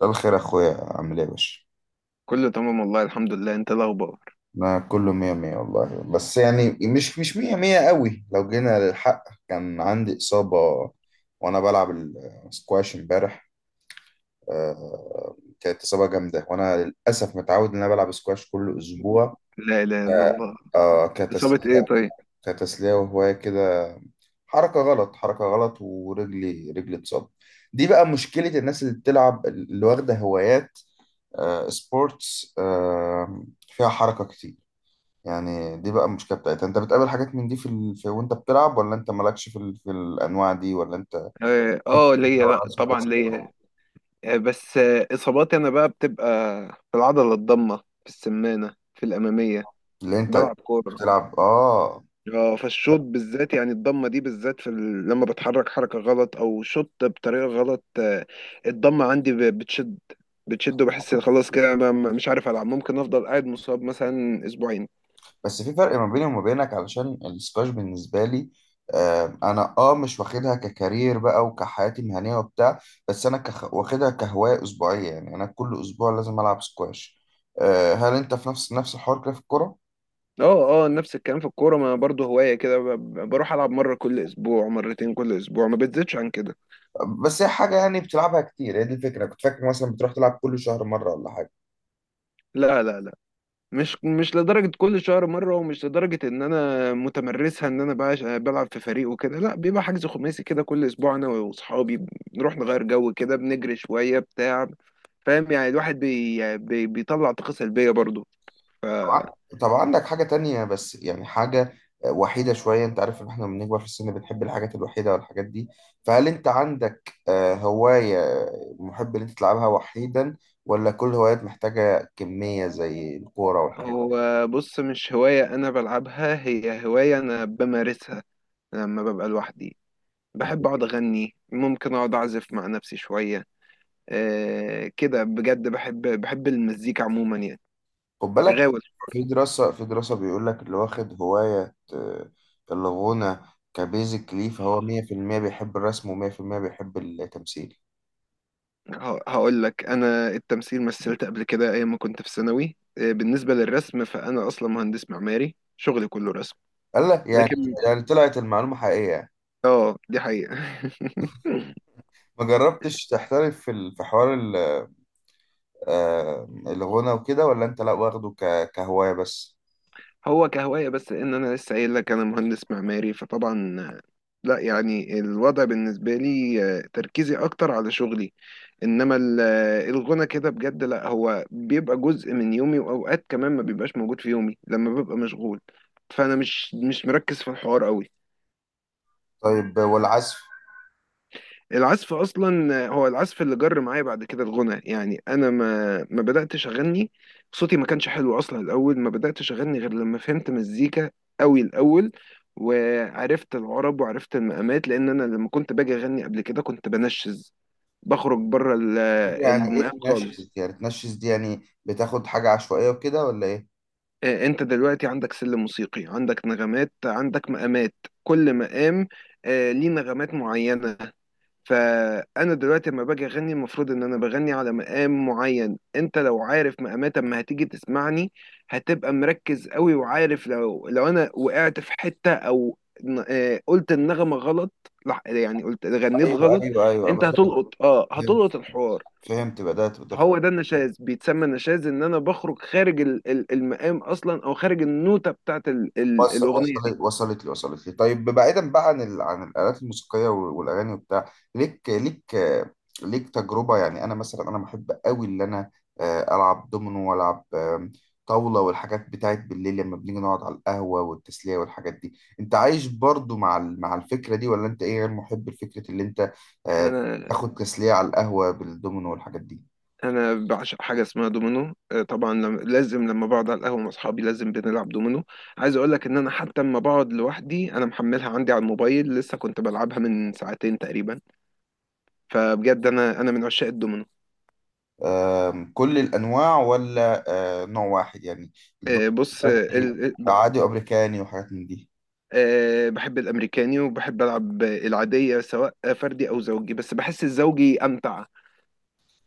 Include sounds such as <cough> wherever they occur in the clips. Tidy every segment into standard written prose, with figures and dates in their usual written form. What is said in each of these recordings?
مساء الخير يا اخويا، عامل ايه يا باشا؟ كله تمام والله، الحمد لله. انت إيه الاخبار؟ انا كله مية مية والله، بس يعني مش مية مية قوي. لو جينا للحق، كان عندي اصابة وانا بلعب السكواش امبارح. كانت اصابة جامدة، وانا للاسف متعود ان انا بلعب سكواش كل اسبوع. لا اله الا آه، الله. اصابه ايه؟ كتسلية. طيب. وهواية كده. حركة غلط حركة غلط ورجلي اتصاب. دي بقى مشكلة الناس اللي بتلعب، اللي واخدة هوايات. سبورتس. فيها حركة كتير. يعني دي بقى المشكله بتاعتها. انت بتقابل حاجات من دي في وانت بتلعب، ولا انت مالكش في الانواع دي، ولا انت اه، ليا، أو لا الناس طبعا بس؟ ليا. آه بس، اصاباتي انا بقى بتبقى في العضله الضامه، في السمانه، في الاماميه، اللي انت بلعب كوره. بتلعب؟ اه. اه، فالشوط بالذات يعني الضمه دي بالذات في لما بتحرك حركه غلط او شوط بطريقه غلط. آه، الضمه عندي بتشد، بتشد وبحس ان خلاص كده انا مش عارف العب، ممكن افضل قاعد مصاب مثلا اسبوعين. بس في فرق ما بيني وما بينك علشان السكواش بالنسبه لي. انا اه مش واخدها ككارير بقى وكحياتي المهنيه وبتاع. بس انا واخدها كهوايه اسبوعيه، يعني انا كل اسبوع لازم العب سكواش. هل انت في نفس الحوار كده في الكوره؟ اه، اه، نفس الكلام في الكورة، ما برضه هواية كده. بروح ألعب مرة كل أسبوع، مرتين كل أسبوع، ما بتزيدش عن كده. بس هي حاجه يعني بتلعبها كتير، هي دي الفكره. كنت فاكر مثلا بتروح تلعب كل شهر مره ولا حاجه؟ لا، لا، لا، مش لدرجة كل شهر مرة، ومش لدرجة إن أنا متمرسها، إن أنا بلعب في فريق وكده. لا، بيبقى حجز خماسي كده كل أسبوع، أنا وأصحابي بنروح نغير جو كده، بنجري شوية بتاع. فاهم يعني؟ الواحد بي يعني بي بيطلع طاقة سلبية برضه. طبعا. طب عندك حاجة تانية؟ بس يعني حاجة وحيدة شوية. انت عارف ان احنا لما بنكبر في السن بنحب الحاجات الوحيدة والحاجات دي. فهل انت عندك هواية محب ان انت تلعبها وحيدا، ولا كل هوايات محتاجة كمية زي الكورة والحاجات دي؟ فهو بص، مش هواية أنا بلعبها، هي هواية أنا بمارسها لما ببقى لوحدي. يعني. بحب اقعد اغني، ممكن اقعد اعزف مع نفسي شويه. آه كده بجد، بحب المزيكا عموما يعني. خد بالك، غاوي. في دراسة بيقول لك اللي واخد هواية الغنى كبيزك ليه، فهو 100% بيحب الرسم و100% بيحب التمثيل. هقول لك، انا التمثيل مثلت قبل كده ايام ما كنت في ثانوي. آه، بالنسبه للرسم فانا اصلا مهندس معماري، شغلي كله رسم. قال لك يعني. لكن يعني طلعت المعلومة حقيقية. اه، دي حقيقه. <laughs> ما جربتش تحترف في حوار الغنى وكده؟ ولا انت لا، واخده كهواية بس؟ هو كهوايه بس، ان انا لسه قايل لك انا مهندس معماري، فطبعا آه، لا. يعني الوضع بالنسبه لي، آه، تركيزي اكتر على شغلي. انما الغنى كده بجد، لا هو بيبقى جزء من يومي، واوقات كمان ما بيبقاش موجود في يومي لما ببقى مشغول. فانا مش مركز في الحوار قوي. طيب، والعزف؟ العزف اصلا هو العزف اللي جر معايا بعد كده الغنى. يعني انا ما بداتش اغني، صوتي ما كانش حلو اصلا الاول، ما بداتش اغني غير لما فهمت مزيكا قوي الاول. وعرفت العرب، وعرفت المقامات، لان انا لما كنت باجي اغني قبل كده كنت بنشز، بخرج بره يعني ايه المقام خالص. تنشز؟ يعني تنشز دي يعني بتاخد حاجة عشوائية وكده ولا ايه؟ آه، انت دلوقتي عندك سلم موسيقي، عندك نغمات، عندك مقامات. كل مقام، آه، ليه نغمات معينة. فأنا دلوقتي لما باجي أغني المفروض إن أنا بغني على مقام معين. أنت لو عارف مقامات، أما هتيجي تسمعني هتبقى مركز قوي، وعارف لو أنا وقعت في حتة، أو قلت النغمة غلط، يعني قلت غنيت ايوه غلط. ايوه ايوه، أنت بدأت. هتلقط، أه فهمت. هتلقط الحوار. فهمت، بدأت. فهو ده النشاز، بيتسمى نشاز ان انا بخرج خارج المقام اصلا، او خارج النوتة بتاعت الاغنية دي. وصلت لي. طيب، بعيدا بقى عن الآلات الموسيقية والأغاني وبتاع. ليك تجربة؟ يعني أنا مثلا، أنا بحب قوي إن أنا ألعب دومينو، وألعب طاولة، والحاجات بتاعت بالليل لما بنيجي نقعد على القهوة، والتسلية والحاجات دي. أنت عايش برضو مع مع الفكرة دي، ولا أنت إيه، غير محب لفكرة اللي أنت آه، انا تاخد تسلية على القهوة بالدومينو والحاجات دي؟ انا بعشق حاجة اسمها دومينو. آه طبعا، لازم لما بقعد على القهوة مع اصحابي لازم بنلعب دومينو. عايز اقول لك ان انا حتى لما بقعد لوحدي انا محملها عندي على الموبايل، لسه كنت بلعبها من ساعتين تقريبا. فبجد انا من عشاق الدومينو. كل الأنواع، ولا نوع واحد يعني، الدكتور آه، بص آه، ال- آه، ب- عادي وأمريكاني وحاجات من دي؟ آه، بحب الامريكاني وبحب العب العادية، سواء فردي او زوجي، بس بحس الزوجي امتع.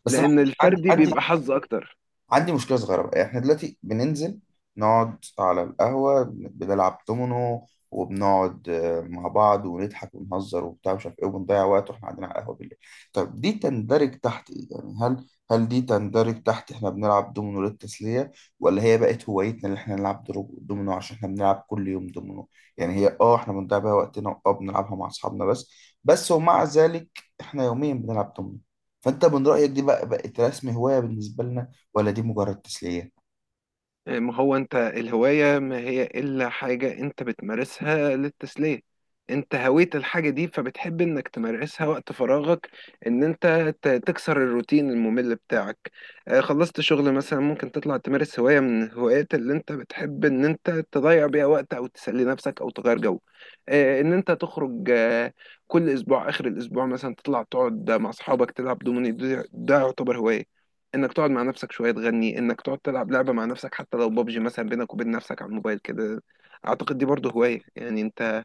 بس أنا لأن الفردي بيبقى حظ أكتر. عندي مشكلة صغيرة بقى. احنا دلوقتي بننزل نقعد على القهوة بنلعب دومينو، وبنقعد مع بعض ونضحك ونهزر وبتاع، مش عارف ايه، وبنضيع وقت واحنا قاعدين على القهوة بالليل. طب دي تندرج تحت ايه يعني؟ هل دي تندرج تحت احنا بنلعب دومينو للتسلية، ولا هي بقت هوايتنا اللي احنا نلعب دومينو عشان احنا بنلعب كل يوم دومينو؟ يعني هي، اه، احنا بنضيع بيها وقتنا، اه، بنلعبها مع اصحابنا بس. بس، ومع ذلك، احنا يوميا بنلعب دومينو. فانت من رأيك دي بقى بقت رسم هواية بالنسبة لنا، ولا دي مجرد تسلية؟ يعني ما هو أنت، الهواية ما هي إلا حاجة أنت بتمارسها للتسلية. أنت هويت الحاجة دي فبتحب إنك تمارسها وقت فراغك، إن أنت تكسر الروتين الممل بتاعك. آه، خلصت شغل مثلا ممكن تطلع تمارس هواية من الهوايات اللي أنت بتحب، إن أنت تضيع بيها وقت أو تسلي نفسك أو تغير جو. آه، إن أنت تخرج، آه، كل أسبوع آخر الأسبوع مثلا تطلع تقعد مع أصحابك تلعب دومينو. ده يعتبر هواية، انك تقعد مع نفسك شويه تغني، انك تقعد تلعب لعبه مع نفسك حتى لو بابجي مثلا بينك وبين نفسك على الموبايل كده. اعتقد دي برضه هوايه. يعني انت،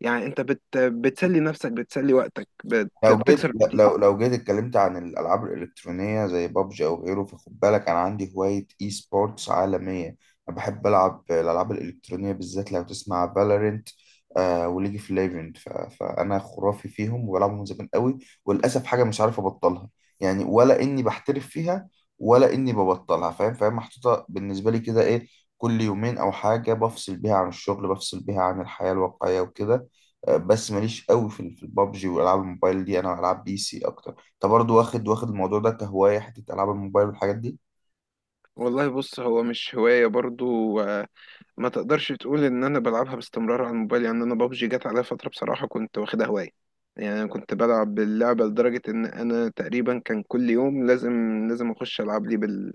بتسلي نفسك، بتسلي وقتك، لو جيت، بتكسر الروتين. اتكلمت عن الألعاب الإلكترونية زي بابجي أو غيره، فخد بالك أنا عندي هواية إي سبورتس عالمية. أنا بحب ألعب الألعاب الإلكترونية، بالذات لو تسمع فالورنت وليج اوف ليجند. فأنا خرافي فيهم وبلعبهم من زمان قوي. وللأسف حاجة مش عارف أبطلها، يعني ولا إني بحترف فيها ولا إني ببطلها، فاهم؟ فاهم، محطوطة بالنسبة لي كده. إيه، كل يومين أو حاجة بفصل بيها عن الشغل، بفصل بيها عن الحياة الواقعية وكده. بس ماليش قوي في البابجي والعاب الموبايل دي. انا العاب بي سي اكتر. انت برضو واخد الموضوع ده كهوايه، حته العاب الموبايل والحاجات دي؟ والله بص، هو مش هوايه برضه، ما تقدرش تقول ان انا بلعبها باستمرار على الموبايل. يعني انا بابجي جت عليا فتره بصراحه، كنت واخدها هوايه. يعني انا كنت بلعب باللعبه لدرجه ان انا تقريبا كان كل يوم لازم، لازم اخش العب لي بال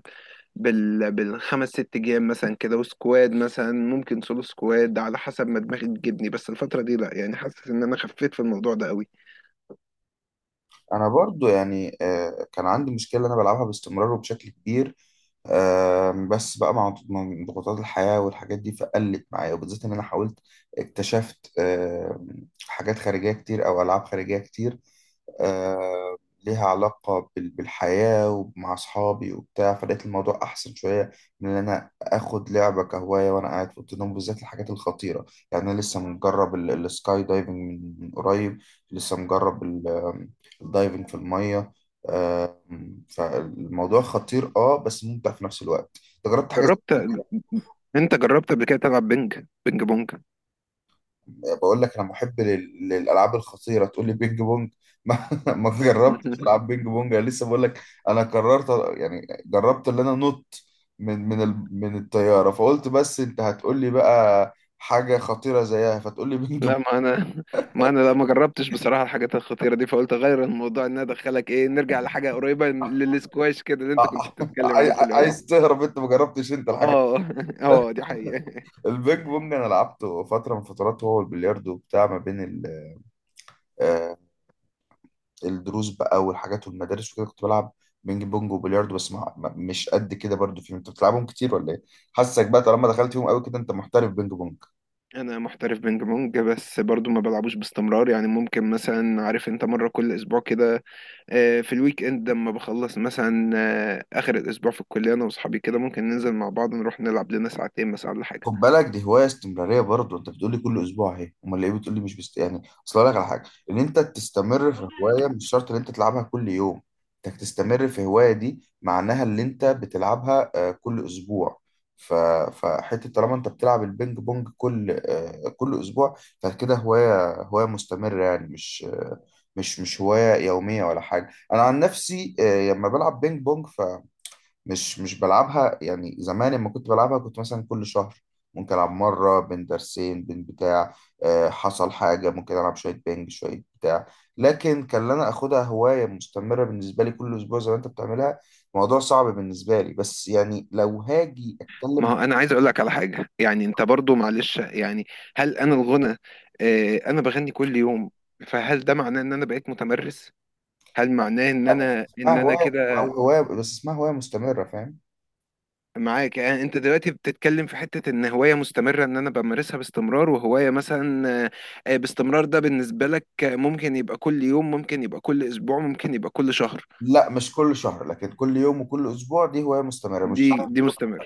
بال بالخمس ست جيم مثلا كده، وسكواد مثلا، ممكن سولو سكواد على حسب ما دماغي تجيبني. بس الفتره دي لا، يعني حاسس ان انا خفيت في الموضوع ده قوي. انا برضو يعني كان عندي مشكله، انا بلعبها باستمرار وبشكل كبير. بس بقى مع ضغوطات الحياه والحاجات دي، فقلت معايا، وبالذات ان انا حاولت. اكتشفت حاجات خارجيه كتير او العاب خارجيه كتير آه، ليها علاقه بالحياه ومع اصحابي وبتاع، فلقيت الموضوع احسن شويه من ان انا اخد لعبه كهوايه وانا قاعد في اوضه النوم. بالذات الحاجات الخطيره، يعني انا لسه مجرب السكاي دايفنج من قريب. لسه مجرب الدايفنج في المية. آه، فالموضوع خطير، اه، بس ممتع في نفس الوقت. انت جربت حاجة زي جربت. كده؟ انت جربت قبل كده تلعب بينج بونج؟ يعني بقول لك انا محب للالعاب الخطيرة، تقول لي بينج بونج؟ <laughs> ما جربتش <laughs> العاب بينج بونج. انا لسه بقول لك انا قررت يعني جربت ان انا نط من الطيارة، فقلت بس انت هتقول لي بقى حاجة خطيرة زيها، فتقول لي بينج بونج؟ لا، ما انا لا ما جربتش بصراحه الحاجات الخطيره دي، فقلت اغير الموضوع. ان انا ادخلك ايه، نرجع لحاجه قريبه للسكواش كده اللي انت كنت <laughs> بتتكلم عليه في الاول. عايز تهرب؟ انت ما جربتش انت الحاجة. اه. <laughs> اه دي حقيقه. البينج بونج انا لعبته فترة من فترات. هو البلياردو بتاع ما بين ال آه، الدروس بقى والحاجات والمدارس وكده، كنت بلعب بينج بونج وبلياردو. بس مش قد كده برضو فيهم. انت بتلعبهم كتير ولا ايه؟ حاسك بقى طالما دخلت فيهم قوي كده، انت محترف بينج بونج. انا محترف بينج بونج، بس برضو ما بلعبوش باستمرار. يعني ممكن مثلا، عارف انت، مره كل اسبوع كده. آه، في الويك اند لما بخلص مثلا، آه، اخر الاسبوع في الكليه، انا واصحابي كده ممكن ننزل مع بعض نروح نلعب لنا ساعتين مثلا ولا حاجه. خد بالك، دي هوايه استمراريه برضه، انت بتقول لي كل اسبوع اهي. امال ليه بتقول لي مش يعني، اصل اقول لك على حاجه، ان انت تستمر في هوايه مش شرط ان انت تلعبها كل يوم. انك تستمر في هوايه دي معناها ان انت بتلعبها كل اسبوع. ف... فحته طالما انت بتلعب البينج بونج كل كل اسبوع، فكده هوايه، هوايه مستمره، يعني مش آه، مش مش هوايه يوميه ولا حاجه. انا عن نفسي لما بلعب بينج بونج مش بلعبها، يعني زمان لما كنت بلعبها كنت مثلا كل شهر ممكن ألعب مرة بين درسين بين بتاع. حصل حاجة ممكن ألعب شوية بينج شوية بتاع. لكن كان أنا أخدها هواية مستمرة بالنسبة لي كل أسبوع، زي ما أنت بتعملها. موضوع صعب بالنسبة لي، بس يعني لو هاجي أتكلم ما مع هو انا عايز اقول لك على حاجه، يعني انت برضو معلش يعني. هل انا الغنى، آه انا بغني كل يوم، فهل ده معناه ان انا بقيت متمرس؟ هل معناه ان حد. انا اسمها ان انا هواية كده؟ أو هواية، بس اسمها هواية مستمرة، فاهم؟ معاك. يعني انت دلوقتي بتتكلم في حته ان هوايه مستمره، ان انا بمارسها باستمرار وهوايه مثلا، آه، آه، باستمرار ده بالنسبه لك، آه، ممكن يبقى كل يوم، ممكن يبقى كل اسبوع، ممكن يبقى كل شهر. لا، مش كل شهر، لكن كل يوم وكل أسبوع دي هواية مستمرة، مش دي شرط. مستمر.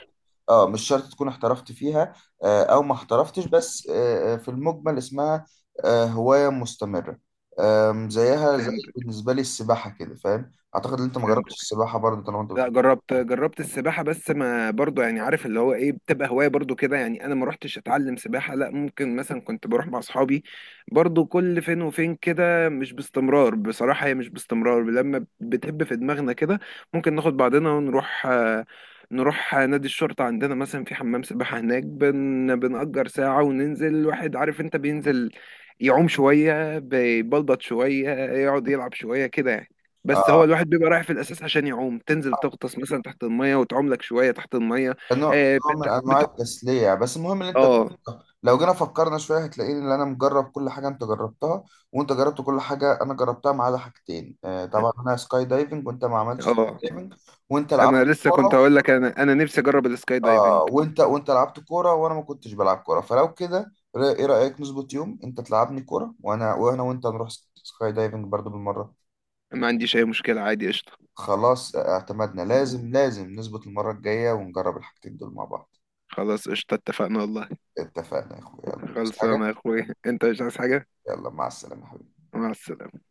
اه، مش شرط تكون احترفت فيها او ما احترفتش، بس في المجمل اسمها هواية مستمرة. زيها زي فهمت، بالنسبة لي السباحة كده، فاهم؟ اعتقد ان انت ما فهمت. جربتش السباحة برضه طالما انت لا، بتحب. جربت، جربت السباحة. بس ما برضو، يعني عارف اللي هو ايه، بتبقى هواية برضو كده. يعني انا ما روحتش اتعلم سباحة، لا، ممكن مثلا كنت بروح مع اصحابي، برضو كل فين وفين كده، مش باستمرار بصراحة، هي مش باستمرار. لما بتهب في دماغنا كده ممكن ناخد بعضنا ونروح، آه، نروح نادي الشرطة عندنا مثلا، في حمام سباحة هناك، بنأجر ساعة وننزل. الواحد عارف انت، بينزل يعوم شوية، بيبلبط شوية، يقعد يلعب شوية كده يعني. بس هو اه، الواحد بيبقى رايح في الاساس عشان يعوم، تنزل تغطس مثلا تحت الميه وتعوم لك شويه تحت الميه. نوع، آه نوع بت... من انواع بت... التسلية، بس المهم ان انت اه، جربتها. لو جينا فكرنا شوية هتلاقيني ان انا مجرب كل حاجة انت جربتها، وانت جربت كل حاجة انا جربتها ما عدا حاجتين. طبعا انا سكاي دايفنج وانت ما عملتش اه. سكاي دايفنج. وانت لعبت انا لسه كنت كورة، هقول لك، انا انا نفسي اجرب السكاي دايفنج. اه وانت، لعبت كوره وانا ما كنتش بلعب كوره. فلو كده ايه رايك نظبط يوم انت تلعبني كوره، وانا وانا وانت نروح سكاي دايفنج برضو بالمره؟ ما عنديش اي مشكله، عادي، قشطه. خلاص اعتمدنا. لازم نظبط المره الجايه ونجرب الحاجتين دول مع بعض. خلاص قشطه، اتفقنا والله. اتفقنا يا اخويا، يلا. بس حاجه، خلصانه يا اخوي، انت مش عايز حاجه؟ يلا، مع السلامه يا حبيبي. مع السلامه.